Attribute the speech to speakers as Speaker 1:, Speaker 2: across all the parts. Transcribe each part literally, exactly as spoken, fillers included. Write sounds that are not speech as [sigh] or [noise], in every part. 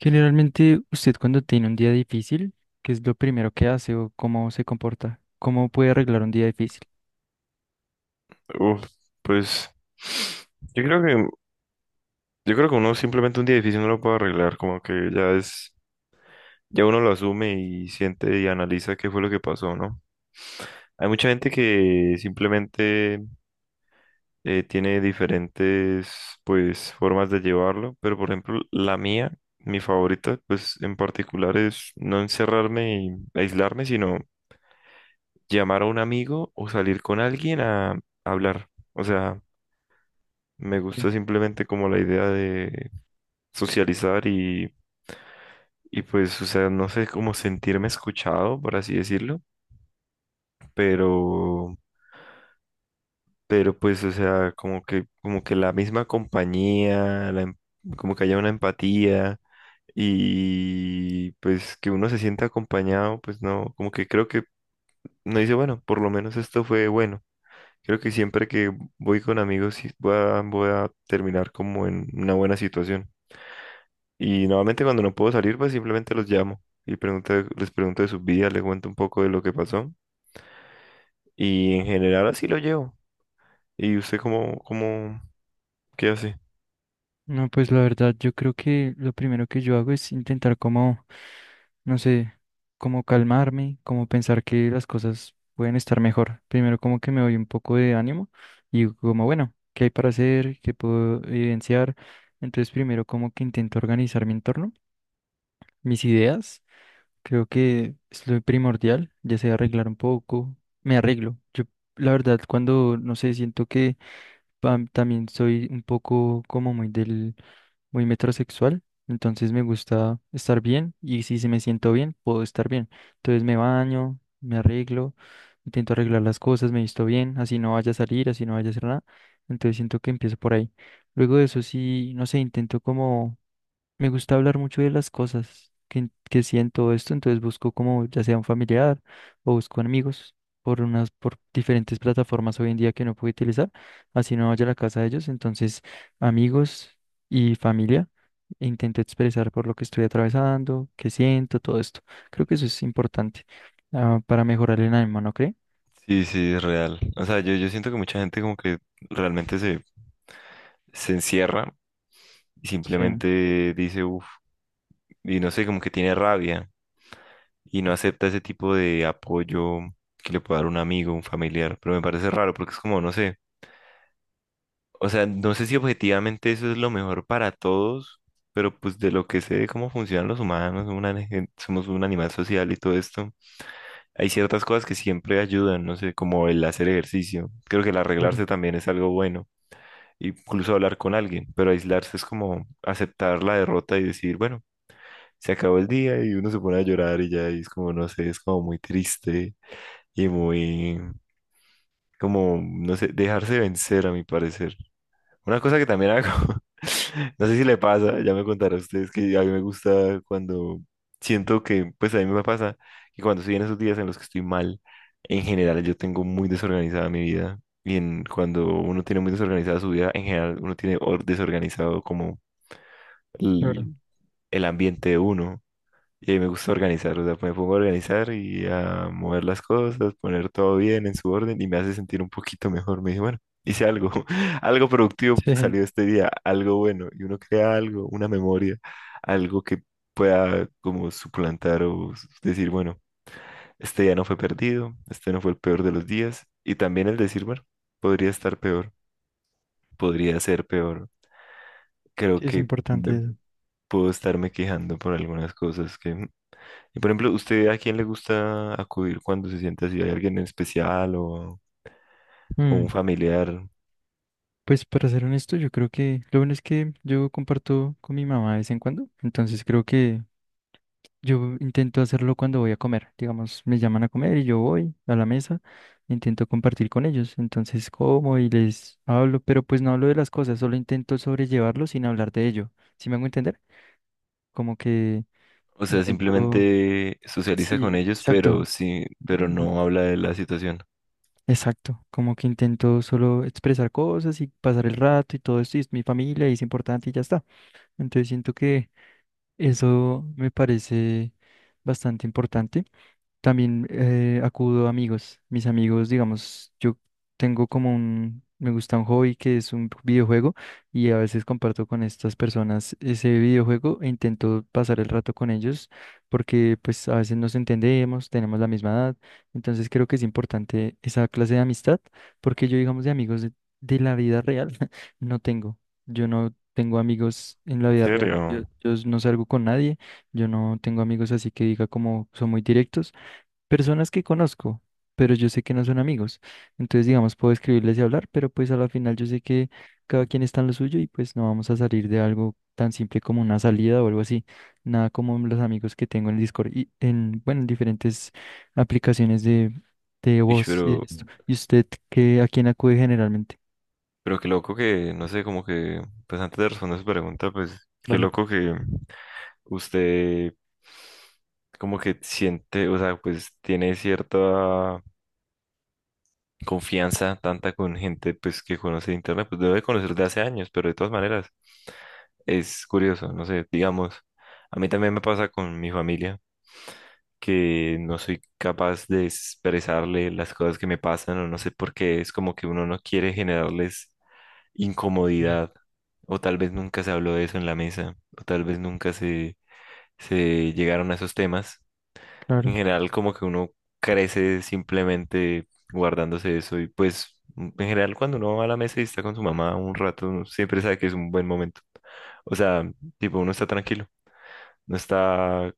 Speaker 1: Generalmente, usted cuando tiene un día difícil, ¿qué es lo primero que hace o cómo se comporta? ¿Cómo puede arreglar un día difícil?
Speaker 2: Uf, pues yo creo que yo creo que uno simplemente un día difícil no lo puede arreglar, como que ya es ya uno lo asume y siente y analiza qué fue lo que pasó, ¿no? Hay mucha gente que simplemente eh, tiene diferentes pues formas de llevarlo, pero por ejemplo la mía, mi favorita pues en particular es no encerrarme y aislarme, sino llamar a un amigo o salir con alguien a hablar. O sea, me gusta simplemente como la idea de socializar y, y pues, o sea, no sé cómo sentirme escuchado, por así decirlo, pero, pero pues, o sea, como que, como que la misma compañía, la em- como que haya una empatía y pues que uno se sienta acompañado, pues no, como que creo que no dice, bueno, por lo menos esto fue bueno. Creo que siempre que voy con amigos sí voy a, voy a terminar como en una buena situación. Y normalmente cuando no puedo salir, pues simplemente los llamo y pregunto, les pregunto de sus vidas, les cuento un poco de lo que pasó. Y en general así lo llevo. ¿Y usted cómo, cómo, qué hace?
Speaker 1: No, pues la verdad, yo creo que lo primero que yo hago es intentar como, no sé, como calmarme, como pensar que las cosas pueden estar mejor. Primero como que me doy un poco de ánimo y digo como, bueno, ¿qué hay para hacer? ¿Qué puedo evidenciar? Entonces primero como que intento organizar mi entorno, mis ideas. Creo que es lo primordial, ya sea arreglar un poco, me arreglo. Yo, la verdad, cuando, no sé, siento que pam, también soy un poco como muy del, muy metrosexual, entonces me gusta estar bien y si se me siento bien, puedo estar bien. Entonces me baño, me arreglo, intento arreglar las cosas, me visto bien, así no vaya a salir, así no vaya a hacer nada. Entonces siento que empiezo por ahí. Luego de eso sí, no sé, intento como me gusta hablar mucho de las cosas que, que siento esto, entonces busco como ya sea un familiar o busco amigos por unas, por diferentes plataformas hoy en día que no puedo utilizar, así no vaya a la casa de ellos, entonces amigos y familia, e intento expresar por lo que estoy atravesando, qué siento, todo esto. Creo que eso es importante ah, para mejorar el ánimo, ¿no cree?
Speaker 2: Sí, sí, es real. O sea, yo, yo siento que mucha gente como que realmente se, se encierra y
Speaker 1: Sí,
Speaker 2: simplemente dice, uff, y no sé, como que tiene rabia y no acepta ese tipo de apoyo que le puede dar un amigo, un familiar. Pero me parece raro porque es como, no sé. O sea, no sé si objetivamente eso es lo mejor para todos, pero pues de lo que sé de cómo funcionan los humanos, una gen- somos un animal social y todo esto, hay ciertas cosas que siempre ayudan, no sé, como el hacer ejercicio. Creo que el
Speaker 1: claro,
Speaker 2: arreglarse también es algo bueno, incluso hablar con alguien, pero aislarse es como aceptar la derrota y decir, bueno, se acabó el día y uno se pone a llorar y ya y es como, no sé, es como muy triste y muy, como, no sé, dejarse vencer a mi parecer. Una cosa que también hago, [laughs] no sé si le pasa, ya me contarán ustedes que a mí me gusta cuando siento que, pues a mí me pasa que cuando estoy en esos días en los que estoy mal, en general yo tengo muy desorganizada mi vida y en, cuando uno tiene muy desorganizada su vida, en general uno tiene or- desorganizado como
Speaker 1: claro.
Speaker 2: el, el ambiente de uno, y ahí me gusta organizar, o sea, me pongo a organizar y a mover las cosas, poner todo bien en su orden y me hace sentir un poquito mejor. Me dije, bueno, hice algo, [laughs] algo productivo
Speaker 1: Sí,
Speaker 2: salió este día, algo bueno, y uno crea algo, una memoria, algo que pueda como suplantar o s- decir, bueno, este día no fue perdido, este no fue el peor de los días, y también el decir, bueno, podría estar peor, podría ser peor. Creo
Speaker 1: sí, es
Speaker 2: que
Speaker 1: importante
Speaker 2: me-
Speaker 1: eso.
Speaker 2: puedo estarme quejando por algunas cosas que. Y por ejemplo, ¿usted a quién le gusta acudir cuando se siente así? ¿Hay alguien en especial o, o un
Speaker 1: Mm.
Speaker 2: familiar?
Speaker 1: Pues para ser honesto, yo creo que lo bueno es que yo comparto con mi mamá de vez en cuando, entonces creo que yo intento hacerlo cuando voy a comer, digamos, me llaman a comer y yo voy a la mesa, intento compartir con ellos, entonces como y les hablo, pero pues no hablo de las cosas, solo intento sobrellevarlo sin hablar de ello, ¿sí me hago entender? Como que
Speaker 2: O sea,
Speaker 1: intento,
Speaker 2: simplemente socializa con
Speaker 1: sí,
Speaker 2: ellos,
Speaker 1: exacto.
Speaker 2: pero sí, pero
Speaker 1: Mm,
Speaker 2: no habla de la situación.
Speaker 1: exacto, como que intento solo expresar cosas y pasar el rato y todo esto, y es mi familia y es importante y ya está. Entonces siento que eso me parece bastante importante. También eh, acudo a amigos. Mis amigos, digamos, yo tengo como un, me gusta un hobby que es un videojuego y a veces comparto con estas personas ese videojuego e intento pasar el rato con ellos porque pues a veces nos entendemos, tenemos la misma edad, entonces creo que es importante esa clase de amistad porque yo, digamos, de amigos de, de la vida real [laughs] no tengo. Yo no tengo amigos en la
Speaker 2: ¿En
Speaker 1: vida real. Yo,
Speaker 2: serio?
Speaker 1: yo no salgo con nadie. Yo no tengo amigos así que diga como son muy directos. Personas que conozco, pero yo sé que no son amigos. Entonces, digamos, puedo escribirles y hablar, pero pues a la final yo sé que cada quien está en lo suyo y pues no vamos a salir de algo tan simple como una salida o algo así. Nada como los amigos que tengo en Discord y en, bueno, en diferentes aplicaciones de, de
Speaker 2: Ish,
Speaker 1: voz y de
Speaker 2: pero,
Speaker 1: esto. ¿Y usted qué, a quién acude generalmente?
Speaker 2: pero qué loco que, no sé, como que, pues antes de responder su pregunta, pues qué
Speaker 1: Vale,
Speaker 2: loco que usted como que siente, o sea, pues tiene cierta confianza tanta con gente pues que conoce internet, pues debe conocer de hace años, pero de todas maneras es curioso, no sé, digamos, a mí también me pasa con mi familia que no soy capaz de expresarle las cosas que me pasan o no sé por qué, es como que uno no quiere generarles
Speaker 1: o sea,
Speaker 2: incomodidad o tal vez nunca se habló de eso en la mesa o tal vez nunca se, se llegaron a esos temas en
Speaker 1: claro,
Speaker 2: general, como que uno crece simplemente guardándose eso y pues mm, en general cuando uno va a la mesa y está con su mamá un rato, uno siempre sabe que es un buen momento. O sea, tipo, uno está tranquilo, no está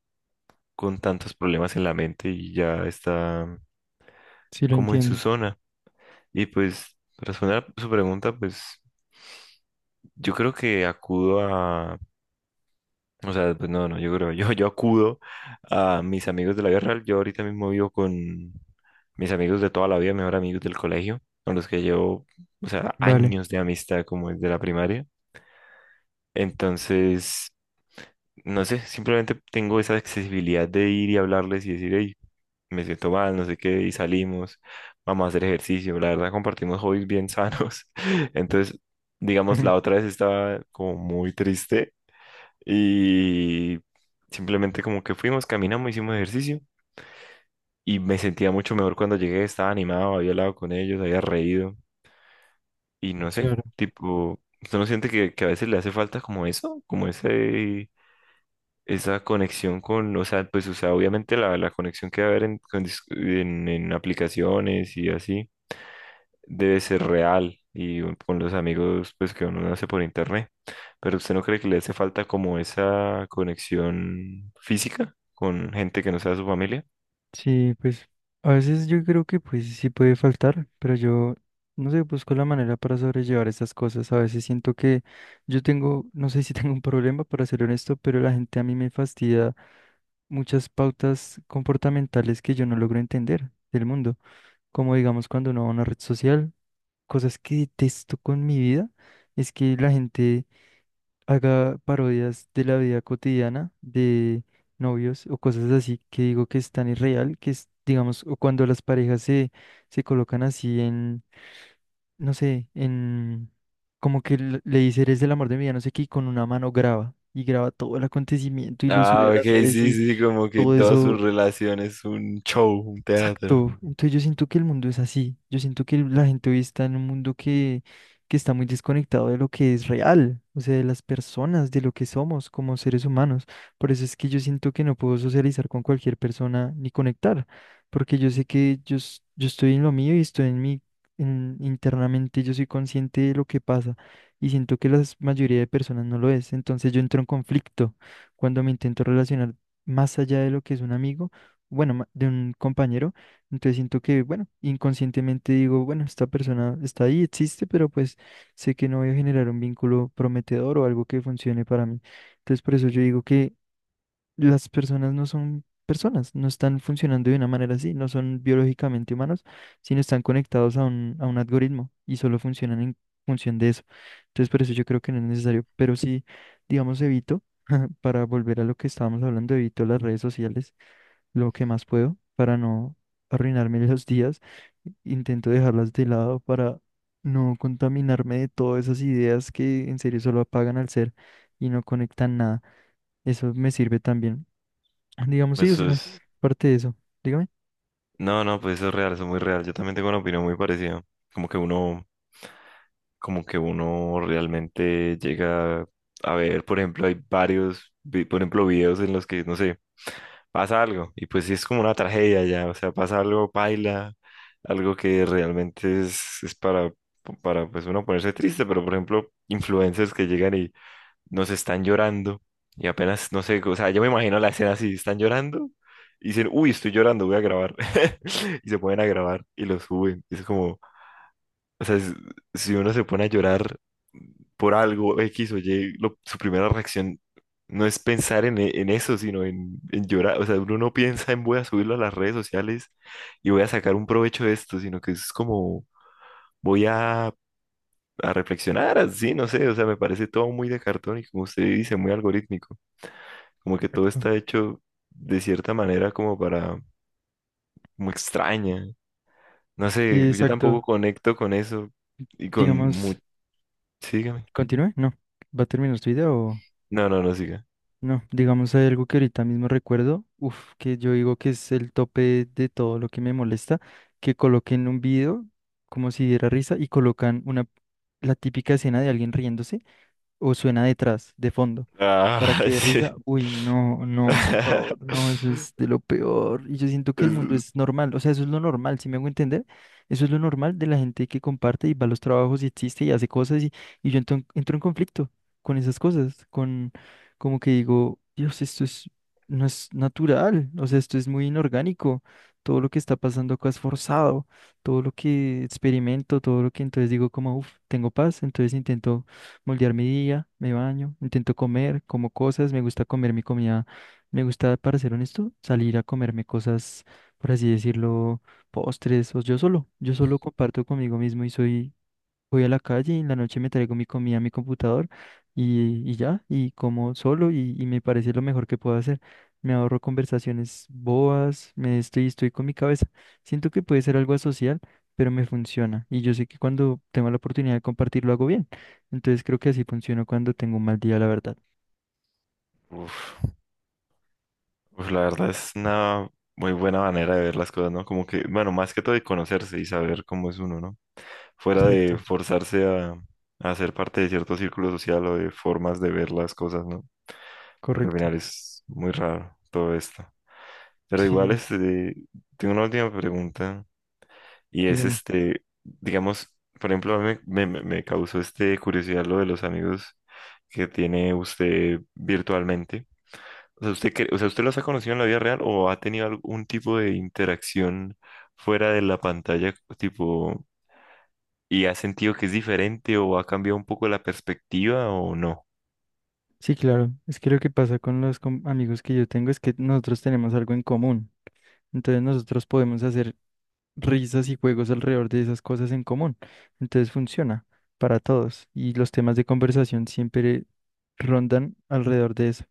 Speaker 2: con tantos problemas en la mente y ya está
Speaker 1: sí lo
Speaker 2: como en su
Speaker 1: entiendo.
Speaker 2: zona. Y pues, para responder a su pregunta, pues yo creo que acudo a. O sea, pues no, no, yo creo, yo, yo acudo a mis amigos de la vida real. Yo ahorita mismo vivo con mis amigos de toda la vida, mejor amigos del colegio, con los que llevo, o sea,
Speaker 1: Vale,
Speaker 2: años de amistad como desde la primaria. Entonces, no sé, simplemente tengo esa accesibilidad de ir y hablarles y decir, hey, me siento mal, no sé qué, y salimos, vamos a hacer ejercicio. La verdad, compartimos hobbies bien sanos. [laughs] Entonces, digamos, la
Speaker 1: [laughs]
Speaker 2: otra vez estaba como muy triste y simplemente como que fuimos, caminamos, hicimos ejercicio y me sentía mucho mejor cuando llegué, estaba animado, había hablado con ellos, había reído y no sé,
Speaker 1: claro.
Speaker 2: tipo, ¿usted no siente que, que a veces le hace falta como eso, como ese, esa conexión con, o sea, pues, o sea, obviamente la, la conexión que va a haber en, con dis- en en aplicaciones y así? Debe ser real y un- con los amigos pues que uno no hace por internet. Pero ¿usted no cree que le hace falta como esa conexión física con gente que no sea su familia?
Speaker 1: Sí, pues a veces yo creo que pues sí puede faltar, pero yo no sé, busco la manera para sobrellevar estas cosas. A veces siento que yo tengo, no sé si [laughs] tengo un problema para ser honesto, pero la gente a mí me fastidia muchas pautas comportamentales que yo no logro entender del mundo. Como digamos cuando uno va a una red social, cosas que detesto con mi vida, es que la gente haga parodias de la vida cotidiana, de novios o cosas así que digo que es tan irreal, que es, digamos, o cuando las parejas se, se colocan así en, no sé, en, como que le le dice, eres el amor de mi vida, no sé qué, y con una mano graba, y graba todo el acontecimiento y lo sube
Speaker 2: Ah,
Speaker 1: a
Speaker 2: ok,
Speaker 1: las redes
Speaker 2: sí,
Speaker 1: y
Speaker 2: sí, como que
Speaker 1: todo
Speaker 2: todas sus
Speaker 1: eso.
Speaker 2: relaciones es un show, un teatro.
Speaker 1: Exacto. Entonces yo siento que el mundo es así. Yo siento que la gente hoy está en un mundo que, que está muy desconectado de lo que es real, o sea, de las personas, de lo que somos como seres humanos. Por eso es que yo siento que no puedo socializar con cualquier persona ni conectar, porque yo sé que yo, es- yo estoy en lo mío y estoy en mi, en- internamente yo soy consciente de lo que pasa y siento que la mayoría de personas no lo es. Entonces yo entro en conflicto cuando me intento relacionar más allá de lo que es un amigo bueno, ma- de un compañero. Entonces siento que, bueno, inconscientemente digo, bueno, esta persona está ahí, existe, pero pues sé que no voy a generar un vínculo prometedor o algo que funcione para mí. Entonces por eso yo digo que las personas no son personas, no están funcionando de una manera así, no son biológicamente humanos, sino están conectados a un, a un algoritmo y solo funcionan en función de eso. Entonces por eso yo creo que no es necesario, pero sí, digamos, evito, [laughs] para volver a lo que estábamos hablando, evito las redes sociales lo que más puedo para no arruinarme [laughs] los días. Intento dejarlas de lado para no contaminarme de todas esas ideas que en serio solo apagan al ser y no conectan nada. Eso me sirve también. Digamos, sí, o
Speaker 2: Eso
Speaker 1: sea,
Speaker 2: es...
Speaker 1: parte de eso. Dígame.
Speaker 2: No, no, pues eso es real, eso es muy real. Yo también tengo una opinión muy parecida. Como que uno como que uno realmente llega a ver, por ejemplo, hay varios, vi- por ejemplo, videos en los que, no sé, pasa algo y pues sí es como una tragedia ya, o sea, pasa algo, baila, algo que realmente es, es para, para pues uno ponerse triste, pero por ejemplo, influencers que llegan y nos están llorando y apenas, no sé, o sea, yo me imagino la escena así, están llorando. Y dicen, uy, estoy llorando, voy a grabar. [laughs] Y se ponen a grabar y lo suben. Es como, o sea, es- si uno se pone a llorar por algo X o Y, lo- su primera reacción no es pensar en, e- en eso, sino en, en llorar. O sea, uno no piensa en voy a subirlo a las redes sociales y voy a sacar un provecho de esto, sino que es como voy a, a reflexionar así, no sé, o sea, me parece todo muy de cartón y como usted dice, muy algorítmico, como que todo
Speaker 1: Exacto.
Speaker 2: está hecho de cierta manera como para, como extraña. No
Speaker 1: Sí,
Speaker 2: sé, yo tampoco
Speaker 1: exacto.
Speaker 2: conecto con eso y con... mu-
Speaker 1: Digamos,
Speaker 2: Sígame.
Speaker 1: continúe. No. ¿Va a terminar su idea o...?
Speaker 2: No, no, no siga.
Speaker 1: No, digamos, hay algo que ahorita mismo recuerdo, uf, que yo digo que es el tope de todo lo que me molesta, que coloquen un video como si diera risa y colocan una, la típica escena de alguien riéndose o suena detrás, de fondo, para
Speaker 2: Ah,
Speaker 1: que
Speaker 2: [laughs]
Speaker 1: dé
Speaker 2: sí.
Speaker 1: risa. Uy, no, no, por favor, no, eso
Speaker 2: [laughs]
Speaker 1: es de lo peor. Y yo siento que el mundo
Speaker 2: Es-
Speaker 1: es normal, o sea, eso es lo normal, si me hago entender, eso es lo normal de la gente que comparte y va a los trabajos y existe y hace cosas y, y yo entro, entro en conflicto con esas cosas, con como que digo, Dios, esto es, no es natural, o sea, esto es muy inorgánico, todo lo que está pasando acá es forzado, todo lo que experimento, todo lo que entonces digo como, uff, tengo paz, entonces intento moldear mi día, me baño, intento comer, como cosas, me gusta comer mi comida, me gusta, para ser honesto, salir a comerme cosas, por así decirlo, postres, o yo solo, yo solo comparto conmigo mismo y soy voy a la calle y en la noche me traigo mi comida a mi computador y, y ya, y como solo y, y me parece lo mejor que puedo hacer. Me ahorro conversaciones bobas, me estoy, estoy con mi cabeza. Siento que puede ser algo asocial, pero me funciona. Y yo sé que cuando tengo la oportunidad de compartirlo hago bien. Entonces creo que así funciona cuando tengo un mal día, la verdad.
Speaker 2: uf, uf, la verdad es una muy buena manera de ver las cosas, ¿no? Como que, bueno, más que todo de conocerse y saber cómo es uno, ¿no? Fuera
Speaker 1: Exacto,
Speaker 2: de forzarse a, a ser parte de cierto círculo social o de formas de ver las cosas, ¿no? Porque al
Speaker 1: correcto.
Speaker 2: final es muy raro todo esto. Pero igual,
Speaker 1: Sí,
Speaker 2: este, tengo una última pregunta y es
Speaker 1: dígame.
Speaker 2: este, digamos, por ejemplo, a mí me, me, me causó este curiosidad lo de los amigos que tiene usted virtualmente. O sea, ¿usted, cre- o sea, ¿usted los ha conocido en la vida real o ha tenido algún tipo de interacción fuera de la pantalla, tipo, y ha sentido que es diferente o ha cambiado un poco la perspectiva o no?
Speaker 1: Sí, claro. Es que lo que pasa con los com- amigos que yo tengo es que nosotros tenemos algo en común. Entonces nosotros podemos hacer risas y juegos alrededor de esas cosas en común. Entonces funciona para todos y los temas de conversación siempre rondan alrededor de eso.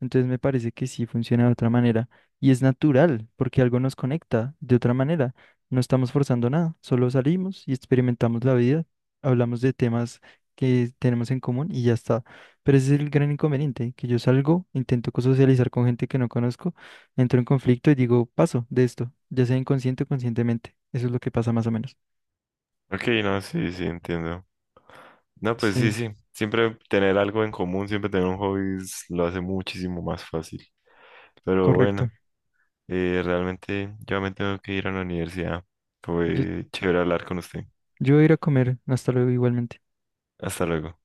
Speaker 1: Entonces me parece que sí funciona de otra manera. Y es natural, porque algo nos conecta de otra manera. No estamos forzando nada, solo salimos y experimentamos la vida, hablamos de temas que tenemos en común y ya está. Pero ese es el gran inconveniente, que yo salgo, intento co- socializar con gente que no conozco, entro en conflicto y digo, paso de esto, ya sea inconsciente o conscientemente. Eso es lo que pasa más o menos.
Speaker 2: Ok, no, sí, sí, entiendo. No, pues sí,
Speaker 1: Sí,
Speaker 2: sí. Siempre tener algo en común, siempre tener un hobby es- lo hace muchísimo más fácil. Pero bueno,
Speaker 1: correcto.
Speaker 2: eh, realmente yo me tengo que ir a la universidad.
Speaker 1: Yo,
Speaker 2: Fue chévere hablar con usted.
Speaker 1: yo voy a ir a comer. Hasta luego igualmente.
Speaker 2: Hasta luego.